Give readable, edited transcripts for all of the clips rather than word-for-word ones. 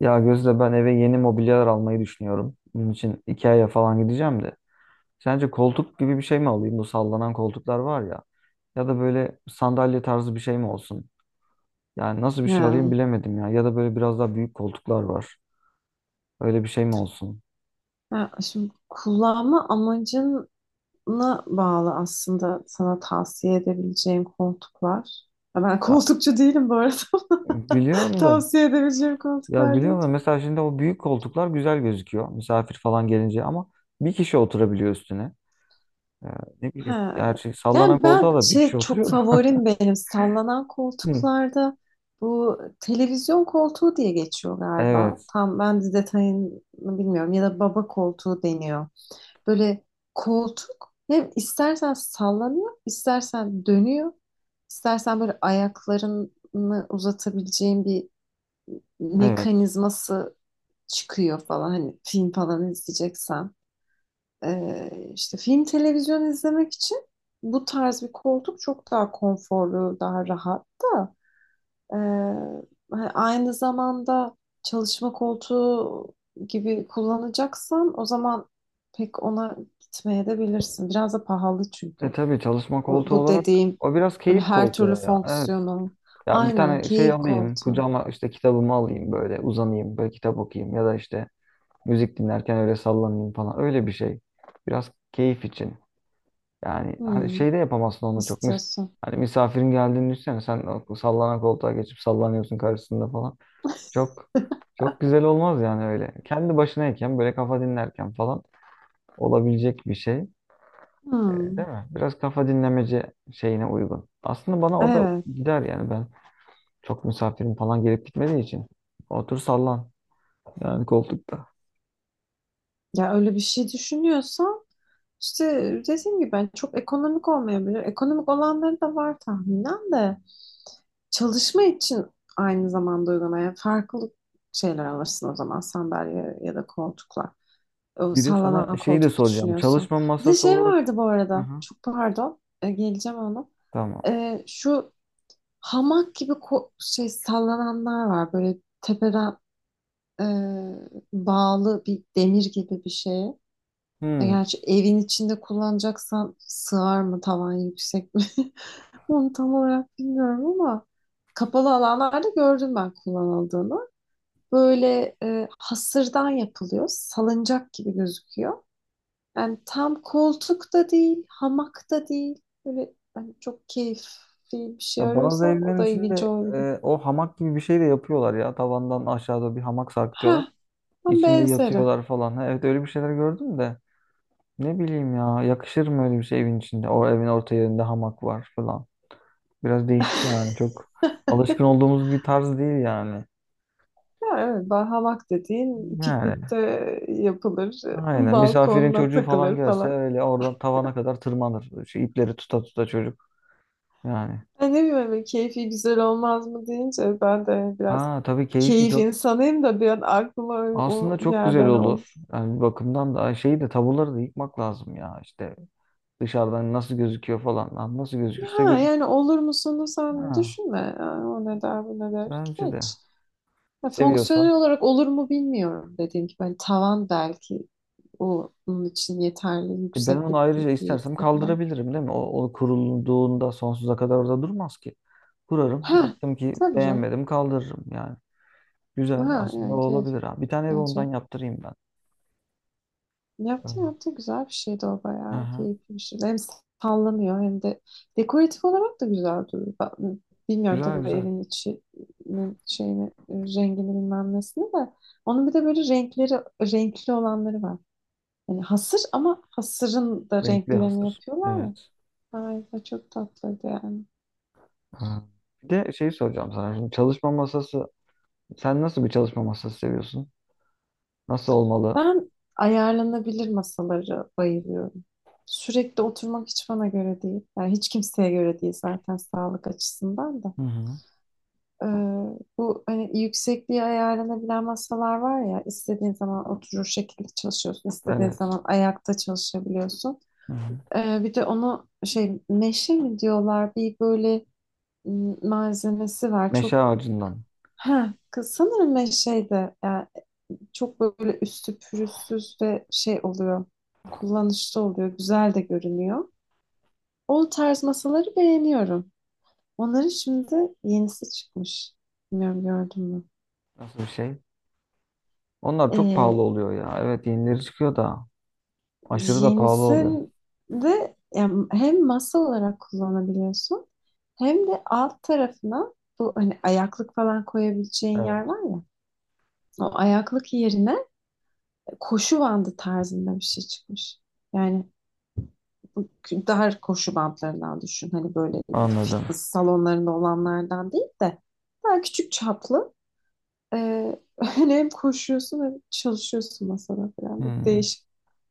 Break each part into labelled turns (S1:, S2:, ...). S1: Ya Gözde ben eve yeni mobilyalar almayı düşünüyorum. Bunun için Ikea'ya falan gideceğim de. Sence koltuk gibi bir şey mi alayım? Bu sallanan koltuklar var ya. Ya da böyle sandalye tarzı bir şey mi olsun? Yani nasıl bir şey
S2: Ya,
S1: alayım bilemedim ya. Ya da böyle biraz daha büyük koltuklar var. Öyle bir şey mi olsun?
S2: ya, şimdi kullanma amacına bağlı aslında sana tavsiye edebileceğim koltuklar. Ya ben
S1: Ya
S2: koltukçu değilim bu arada.
S1: biliyorum da.
S2: Tavsiye edebileceğim
S1: Ya
S2: koltuklar değil.
S1: biliyorum da mesela şimdi o büyük koltuklar güzel gözüküyor. Misafir falan gelince ama bir kişi oturabiliyor üstüne. Ee, ne bileyim.
S2: Ha.
S1: Gerçi sallanan
S2: Yani
S1: koltuğa
S2: ben
S1: da bir
S2: şey
S1: kişi
S2: çok
S1: oturuyor da.
S2: favorim benim sallanan
S1: Hı.
S2: koltuklarda bu televizyon koltuğu diye geçiyor galiba.
S1: Evet.
S2: Tam ben de detayını bilmiyorum ya da baba koltuğu deniyor. Böyle koltuk hem istersen sallanıyor, istersen dönüyor, istersen böyle ayaklarını uzatabileceğin bir
S1: Evet.
S2: mekanizması çıkıyor falan. Hani film falan izleyeceksen. İşte film televizyon izlemek için bu tarz bir koltuk çok daha konforlu, daha rahat da. Ee, Hani aynı zamanda çalışma koltuğu gibi kullanacaksan o zaman pek ona gitmeye de bilirsin. Biraz da pahalı
S1: E
S2: çünkü.
S1: tabii çalışma
S2: O,
S1: koltuğu
S2: bu
S1: olarak
S2: dediğim
S1: o biraz
S2: böyle
S1: keyif
S2: her
S1: koltuğu
S2: türlü
S1: ya. Evet.
S2: fonksiyonu.
S1: Ya bir
S2: Aynen,
S1: tane şey
S2: keyif
S1: alayım,
S2: koltuğu.
S1: kucağıma işte kitabımı alayım böyle uzanayım, böyle kitap okuyayım ya da işte müzik dinlerken öyle sallanayım falan. Öyle bir şey. Biraz keyif için. Yani hani
S2: Hmm,
S1: şey de yapamazsın onu çok. Mis
S2: istiyorsun.
S1: hani misafirin geldiğini düşünsene sen o sallanan koltuğa geçip sallanıyorsun karşısında falan. Çok çok güzel olmaz yani öyle. Kendi başınayken böyle kafa dinlerken falan olabilecek bir şey.
S2: Hmm,
S1: Değil mi? Biraz kafa dinlemeci şeyine uygun. Aslında bana o da
S2: evet.
S1: gider yani ben çok misafirim falan gelip gitmediği için. Otur sallan yani koltukta.
S2: Ya öyle bir şey düşünüyorsan İşte dediğim gibi ben çok ekonomik olmayabilir. Ekonomik olanları da var tahminen de. Çalışma için aynı zamanda uygulamaya farklı şeyler alırsın o zaman sandalye ya da koltuklar. O
S1: Bir de sana
S2: sallanan
S1: şeyi de
S2: koltuk
S1: soracağım.
S2: düşünüyorsun.
S1: Çalışma
S2: Bir de
S1: masası
S2: şey
S1: olarak.
S2: vardı bu
S1: Hı
S2: arada.
S1: hı.
S2: Çok pardon. Geleceğim ona.
S1: Tamam.
S2: E, şu hamak gibi sallananlar var. Böyle tepeden e, bağlı bir demir gibi bir şeye. E,
S1: Hmm.
S2: gerçi evin içinde kullanacaksan sığar mı, tavan yüksek mi? Onu tam olarak bilmiyorum ama kapalı alanlarda gördüm ben kullanıldığını. Böyle hasırdan yapılıyor. Salıncak gibi gözüküyor. Yani tam koltuk da değil, hamak da değil. Böyle hani çok keyifli bir şey
S1: Ya bazı
S2: arıyorsan o
S1: evlerin
S2: da ilginç
S1: içinde
S2: olabilir.
S1: o hamak gibi bir şey de yapıyorlar ya. Tavandan aşağıda bir hamak sarkıtıyorlar.
S2: Ha, ama
S1: İçinde
S2: benzeri.
S1: yatıyorlar falan. Ha, evet öyle bir şeyler gördüm de. Ne bileyim ya yakışır mı öyle bir şey evin içinde? O evin orta yerinde hamak var falan. Biraz değişik yani. Çok alışkın olduğumuz bir tarz değil yani.
S2: Ya evet, hamak dediğin
S1: Yani
S2: piknikte yapılır,
S1: aynen. Misafirin
S2: balkonla
S1: çocuğu falan
S2: takılır
S1: gelse
S2: falan.
S1: öyle oradan tavana kadar tırmanır. Şu ipleri tuta tuta çocuk. Yani.
S2: Ben ne bileyim, hani keyfi güzel olmaz mı deyince ben de hani biraz
S1: Ha tabii keyifli
S2: keyif
S1: çok.
S2: insanıyım da bir an aklıma o
S1: Aslında
S2: o
S1: çok
S2: geldi.
S1: güzel
S2: Hani o-
S1: olur. Yani bir bakımdan da şeyi de tabuları da yıkmak lazım ya. İşte dışarıdan nasıl gözüküyor falan. Lan nasıl gözükürse
S2: ha
S1: gözük.
S2: yani olur musunuz sen
S1: Ha,
S2: düşünme. Yani o ne der bu ne der,
S1: bence de.
S2: geç. Ya fonksiyonel
S1: Seviyorsan.
S2: olarak olur mu bilmiyorum dediğim gibi. Hani tavan belki o onun için yeterli
S1: E ben onu
S2: yükseklik
S1: ayrıca istersem
S2: değilse falan.
S1: kaldırabilirim değil mi? O kurulduğunda sonsuza kadar orada durmaz ki. Kurarım.
S2: Ha
S1: Baktım ki
S2: tabii canım.
S1: beğenmedim kaldırırım yani. Güzel
S2: Ha
S1: aslında o
S2: yani keyif.
S1: olabilir ha. Bir tane ev ondan yaptırayım ben. Evet.
S2: Yaptı yaptı güzel bir şeydi, o bayağı
S1: Aha.
S2: keyifli bir şeydi. Hem sallanıyor hem de dekoratif olarak da güzel duruyor. Ben- bilmiyorum
S1: Güzel
S2: tabii
S1: güzel.
S2: evin içinin şeyini, rengini, bilmem nesini de. Onun bir de böyle renkleri, renkli olanları var. Yani hasır ama hasırın da
S1: Renkli
S2: renklerini
S1: hazır.
S2: yapıyorlar ya.
S1: Evet.
S2: Ay, o çok tatlıydı yani.
S1: Ha. Bir de şey soracağım sana. Şimdi çalışma masası. Sen nasıl bir çalışma masası seviyorsun? Nasıl olmalı?
S2: Ben ayarlanabilir masaları bayılıyorum. Sürekli oturmak hiç bana göre değil. Yani hiç kimseye göre değil zaten sağlık açısından da.
S1: Hı hı.
S2: Ee, Bu hani yüksekliği ayarlanabilen masalar var ya, istediğin zaman oturur şekilde çalışıyorsun, istediğin
S1: Evet.
S2: zaman ayakta çalışabiliyorsun.
S1: Hı hı.
S2: Bir de onu şey, meşe mi diyorlar, bir böyle malzemesi var
S1: Meşe
S2: çok.
S1: ağacından.
S2: Ha kız, sanırım meşeydi yani. Çok böyle üstü pürüzsüz ve şey oluyor, kullanışlı oluyor, güzel de görünüyor. O tarz masaları beğeniyorum. Onların şimdi yenisi çıkmış, bilmiyorum gördün
S1: Nasıl bir şey? Onlar çok
S2: mü.
S1: pahalı oluyor ya. Evet yenileri çıkıyor da. Aşırı da pahalı oluyor.
S2: Yenisinde yani hem masa olarak kullanabiliyorsun hem de alt tarafına bu hani ayaklık falan koyabileceğin yer
S1: Evet,
S2: var ya, o ayaklık yerine koşu bandı tarzında bir şey çıkmış. Yani bu dar koşu bandlarından düşün. Hani böyle
S1: anladım.
S2: fitness salonlarında olanlardan değil de daha küçük çaplı. Ee, hani hem koşuyorsun hem çalışıyorsun masada falan. Bir
S1: Hmm.
S2: değişik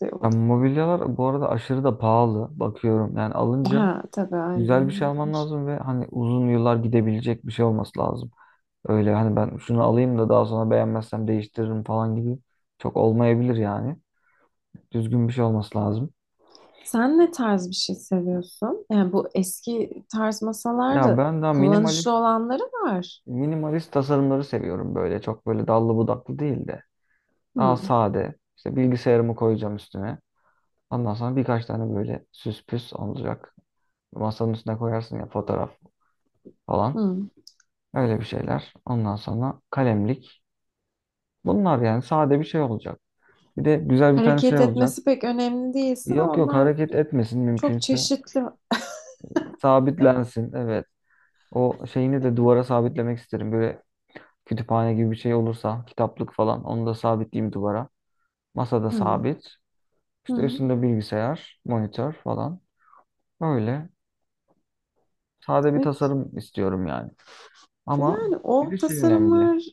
S2: bir şey
S1: Ya
S2: oldu.
S1: mobilyalar bu arada aşırı da pahalı bakıyorum. Yani alınca
S2: Ha tabii
S1: güzel bir şey
S2: aynen.
S1: alman
S2: Demiş.
S1: lazım ve hani uzun yıllar gidebilecek bir şey olması lazım. Öyle hani ben şunu alayım da daha sonra beğenmezsem değiştiririm falan gibi çok olmayabilir yani. Düzgün bir şey olması lazım.
S2: Sen ne tarz bir şey seviyorsun? Yani bu eski tarz
S1: Ya
S2: masalarda
S1: ben daha
S2: kullanışlı
S1: minimalist
S2: olanları var.
S1: minimalist tasarımları seviyorum böyle. Çok böyle dallı budaklı değil de daha
S2: Hmm,
S1: sade. İşte bilgisayarımı koyacağım üstüne. Ondan sonra birkaç tane böyle süs püs olacak. Masanın üstüne koyarsın ya fotoğraf falan.
S2: hmm.
S1: Öyle bir şeyler. Ondan sonra kalemlik. Bunlar yani sade bir şey olacak. Bir de güzel bir tane şey
S2: Hareket
S1: olacak.
S2: etmesi pek önemli değilse
S1: Yok
S2: onlar
S1: hareket etmesin
S2: çok
S1: mümkünse.
S2: çeşitli.
S1: Sabitlensin. Evet. O şeyini de duvara sabitlemek isterim. Böyle kütüphane gibi bir şey olursa kitaplık falan onu da sabitleyeyim duvara. Masada
S2: Hmm,
S1: sabit. İşte
S2: hmm.
S1: üstünde bilgisayar, monitör falan. Öyle. Sade bir
S2: E,
S1: tasarım istiyorum yani. Ama
S2: Yani
S1: bir de
S2: o
S1: şey önemli.
S2: tasarımlar...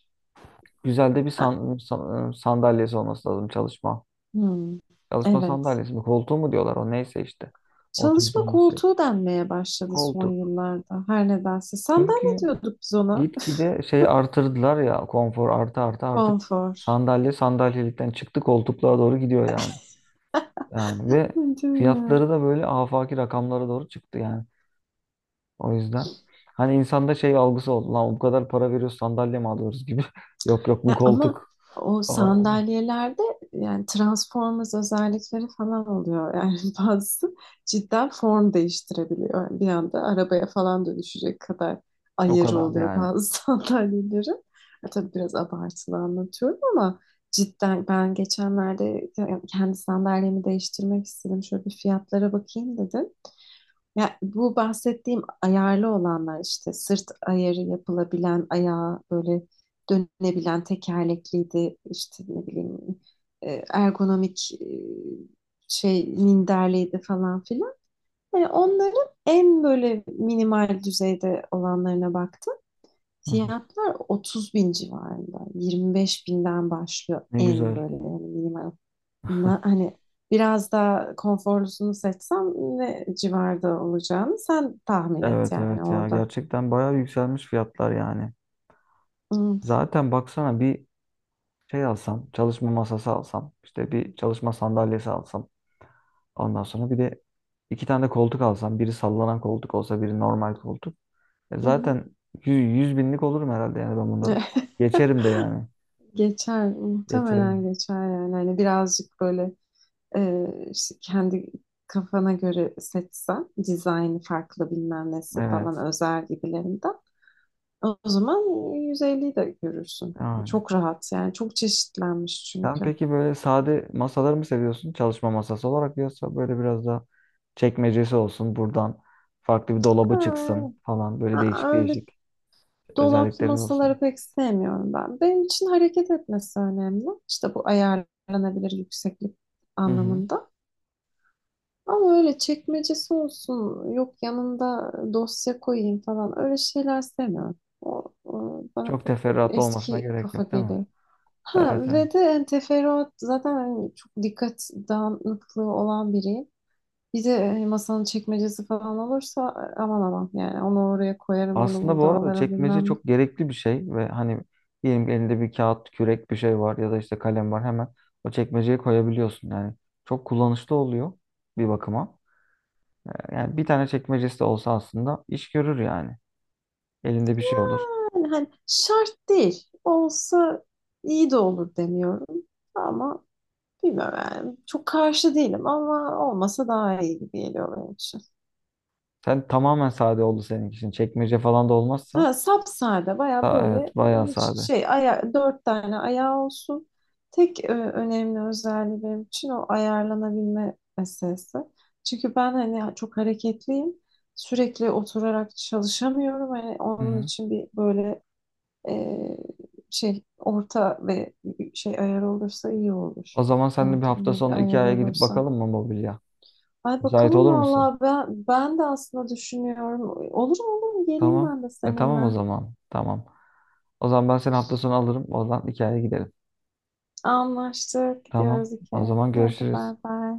S1: Güzel de bir
S2: A-
S1: sandalyesi olması lazım çalışma.
S2: hmm,
S1: Çalışma
S2: evet.
S1: sandalyesi mi? Koltuğu mu diyorlar o neyse işte.
S2: Çalışma
S1: Oturduğumuz şey.
S2: koltuğu denmeye başladı son
S1: Koltuk.
S2: yıllarda. Her nedense. Sandalye
S1: Çünkü
S2: diyorduk biz ona.
S1: gitgide şey artırdılar ya konfor artı artı artık
S2: Konfor.
S1: sandalye sandalyelikten çıktı koltuklara doğru gidiyor yani. Yani ve
S2: Değil mi ya?
S1: fiyatları da böyle afaki rakamlara doğru çıktı yani. O yüzden hani insanda şey algısı oldu. Lan bu kadar para veriyoruz sandalye mi alıyoruz gibi. Yok bu
S2: Ya ama
S1: koltuk
S2: o
S1: falan oldu.
S2: sandalyelerde yani Transformers özellikleri falan oluyor. Yani bazısı cidden form değiştirebiliyor. Yani bir anda arabaya falan dönüşecek kadar
S1: O
S2: ayarı
S1: kadar
S2: oluyor
S1: yani.
S2: bazı sandalyelerin. Ya tabii biraz abartılı anlatıyorum ama cidden ben geçenlerde kendi sandalyemi değiştirmek istedim. Şöyle bir fiyatlara bakayım dedim. Ya bu bahsettiğim ayarlı olanlar işte sırt ayarı yapılabilen, ayağı böyle dönebilen, tekerlekliydi işte ne bileyim, ergonomik, şey minderliydi falan filan. Hani onların en böyle minimal düzeyde olanlarına baktım.
S1: Hı hı.
S2: Fiyatlar 30 bin civarında. 25 binden başlıyor
S1: Ne
S2: en
S1: güzel.
S2: böyle, yani minimal. Na- hani biraz daha konforlusunu seçsem ne civarda olacağını sen tahmin et
S1: Evet
S2: yani
S1: evet ya
S2: orada.
S1: gerçekten bayağı yükselmiş fiyatlar yani.
S2: Evet.
S1: Zaten baksana bir şey alsam, çalışma masası alsam, işte bir çalışma sandalyesi alsam, ondan sonra bir de iki tane de koltuk alsam, biri sallanan koltuk olsa, biri normal koltuk. E
S2: Hı hı.
S1: zaten yüz binlik olurum herhalde yani ben bunları. Geçerim de yani.
S2: Geçer. Muhtemelen
S1: Geçerim.
S2: geçer yani. Hani birazcık böyle e, işte kendi kafana göre seçsen dizaynı farklı bilmem nesi
S1: Evet.
S2: falan özel gibilerinden, o zaman 150'yi de görürsün.
S1: Yani.
S2: Çok rahat yani. Çok çeşitlenmiş
S1: Sen
S2: çünkü.
S1: peki böyle sade masaları mı seviyorsun? Çalışma masası olarak yoksa böyle biraz da çekmecesi olsun, buradan farklı bir dolabı çıksın
S2: Ha,
S1: falan böyle
S2: aa,
S1: değişik
S2: öyle
S1: değişik
S2: dolaplı
S1: özellikleri olsun.
S2: masaları pek sevmiyorum ben. Benim için hareket etmesi önemli. İşte bu ayarlanabilir yükseklik anlamında. Ama öyle çekmecesi olsun, yok yanında dosya koyayım falan, öyle şeyler sevmiyorum. O bana
S1: Çok
S2: çok
S1: teferruatlı olmasına
S2: eski
S1: gerek
S2: kafa
S1: yok değil mi?
S2: geliyor. Ha
S1: Evet
S2: ve de
S1: evet.
S2: yani teferruat zaten, hani çok dikkat dağınıklığı olan biriyim. Bir de masanın çekmecesi falan olursa aman aman yani, onu oraya koyarım bunu
S1: Aslında bu
S2: burada
S1: arada
S2: alırım
S1: çekmece
S2: bilmem ne.
S1: çok gerekli bir şey ve hani diyelim ki elinde bir kağıt, kürek bir şey var ya da işte kalem var hemen o çekmeceye koyabiliyorsun yani. Çok kullanışlı oluyor bir bakıma. Yani bir tane çekmecesi de olsa aslında iş görür yani. Elinde bir şey olur.
S2: Yani hani şart değil. Olsa iyi de olur demiyorum. Ama bilmiyorum yani. Çok karşı değilim ama olmasa daha iyi gibi geliyor benim için.
S1: Sen tamamen sade oldu senin için. Çekmece falan da olmazsa
S2: Ha, sapsade, baya
S1: ha,
S2: böyle
S1: evet bayağı
S2: hiç
S1: sade.
S2: şey, dört tane ayağı olsun. Tek önemli özelliği benim için o ayarlanabilme meselesi. Çünkü ben hani çok hareketliyim. Sürekli oturarak çalışamıyorum. Hani
S1: Hı
S2: onun
S1: hı.
S2: için bir böyle e, şey orta ve şey, ayar olursa iyi olur.
S1: O zaman sen de bir hafta
S2: Ortalama bir
S1: sonu
S2: ayar
S1: Ikea'ya gidip
S2: olursa.
S1: bakalım mı mobilya?
S2: Ay
S1: Müsait
S2: bakalım
S1: olur musun?
S2: vallahi, ben de aslında düşünüyorum. Olur mu, olur mu, geleyim
S1: Tamam.
S2: ben de
S1: Tamam o
S2: seninle.
S1: zaman. Tamam. O zaman ben seni hafta sonu alırım. Oradan hikayeye gidelim.
S2: Anlaştık.
S1: Tamam.
S2: Gidiyoruz iki.
S1: O zaman
S2: Hadi
S1: görüşürüz.
S2: bay bay.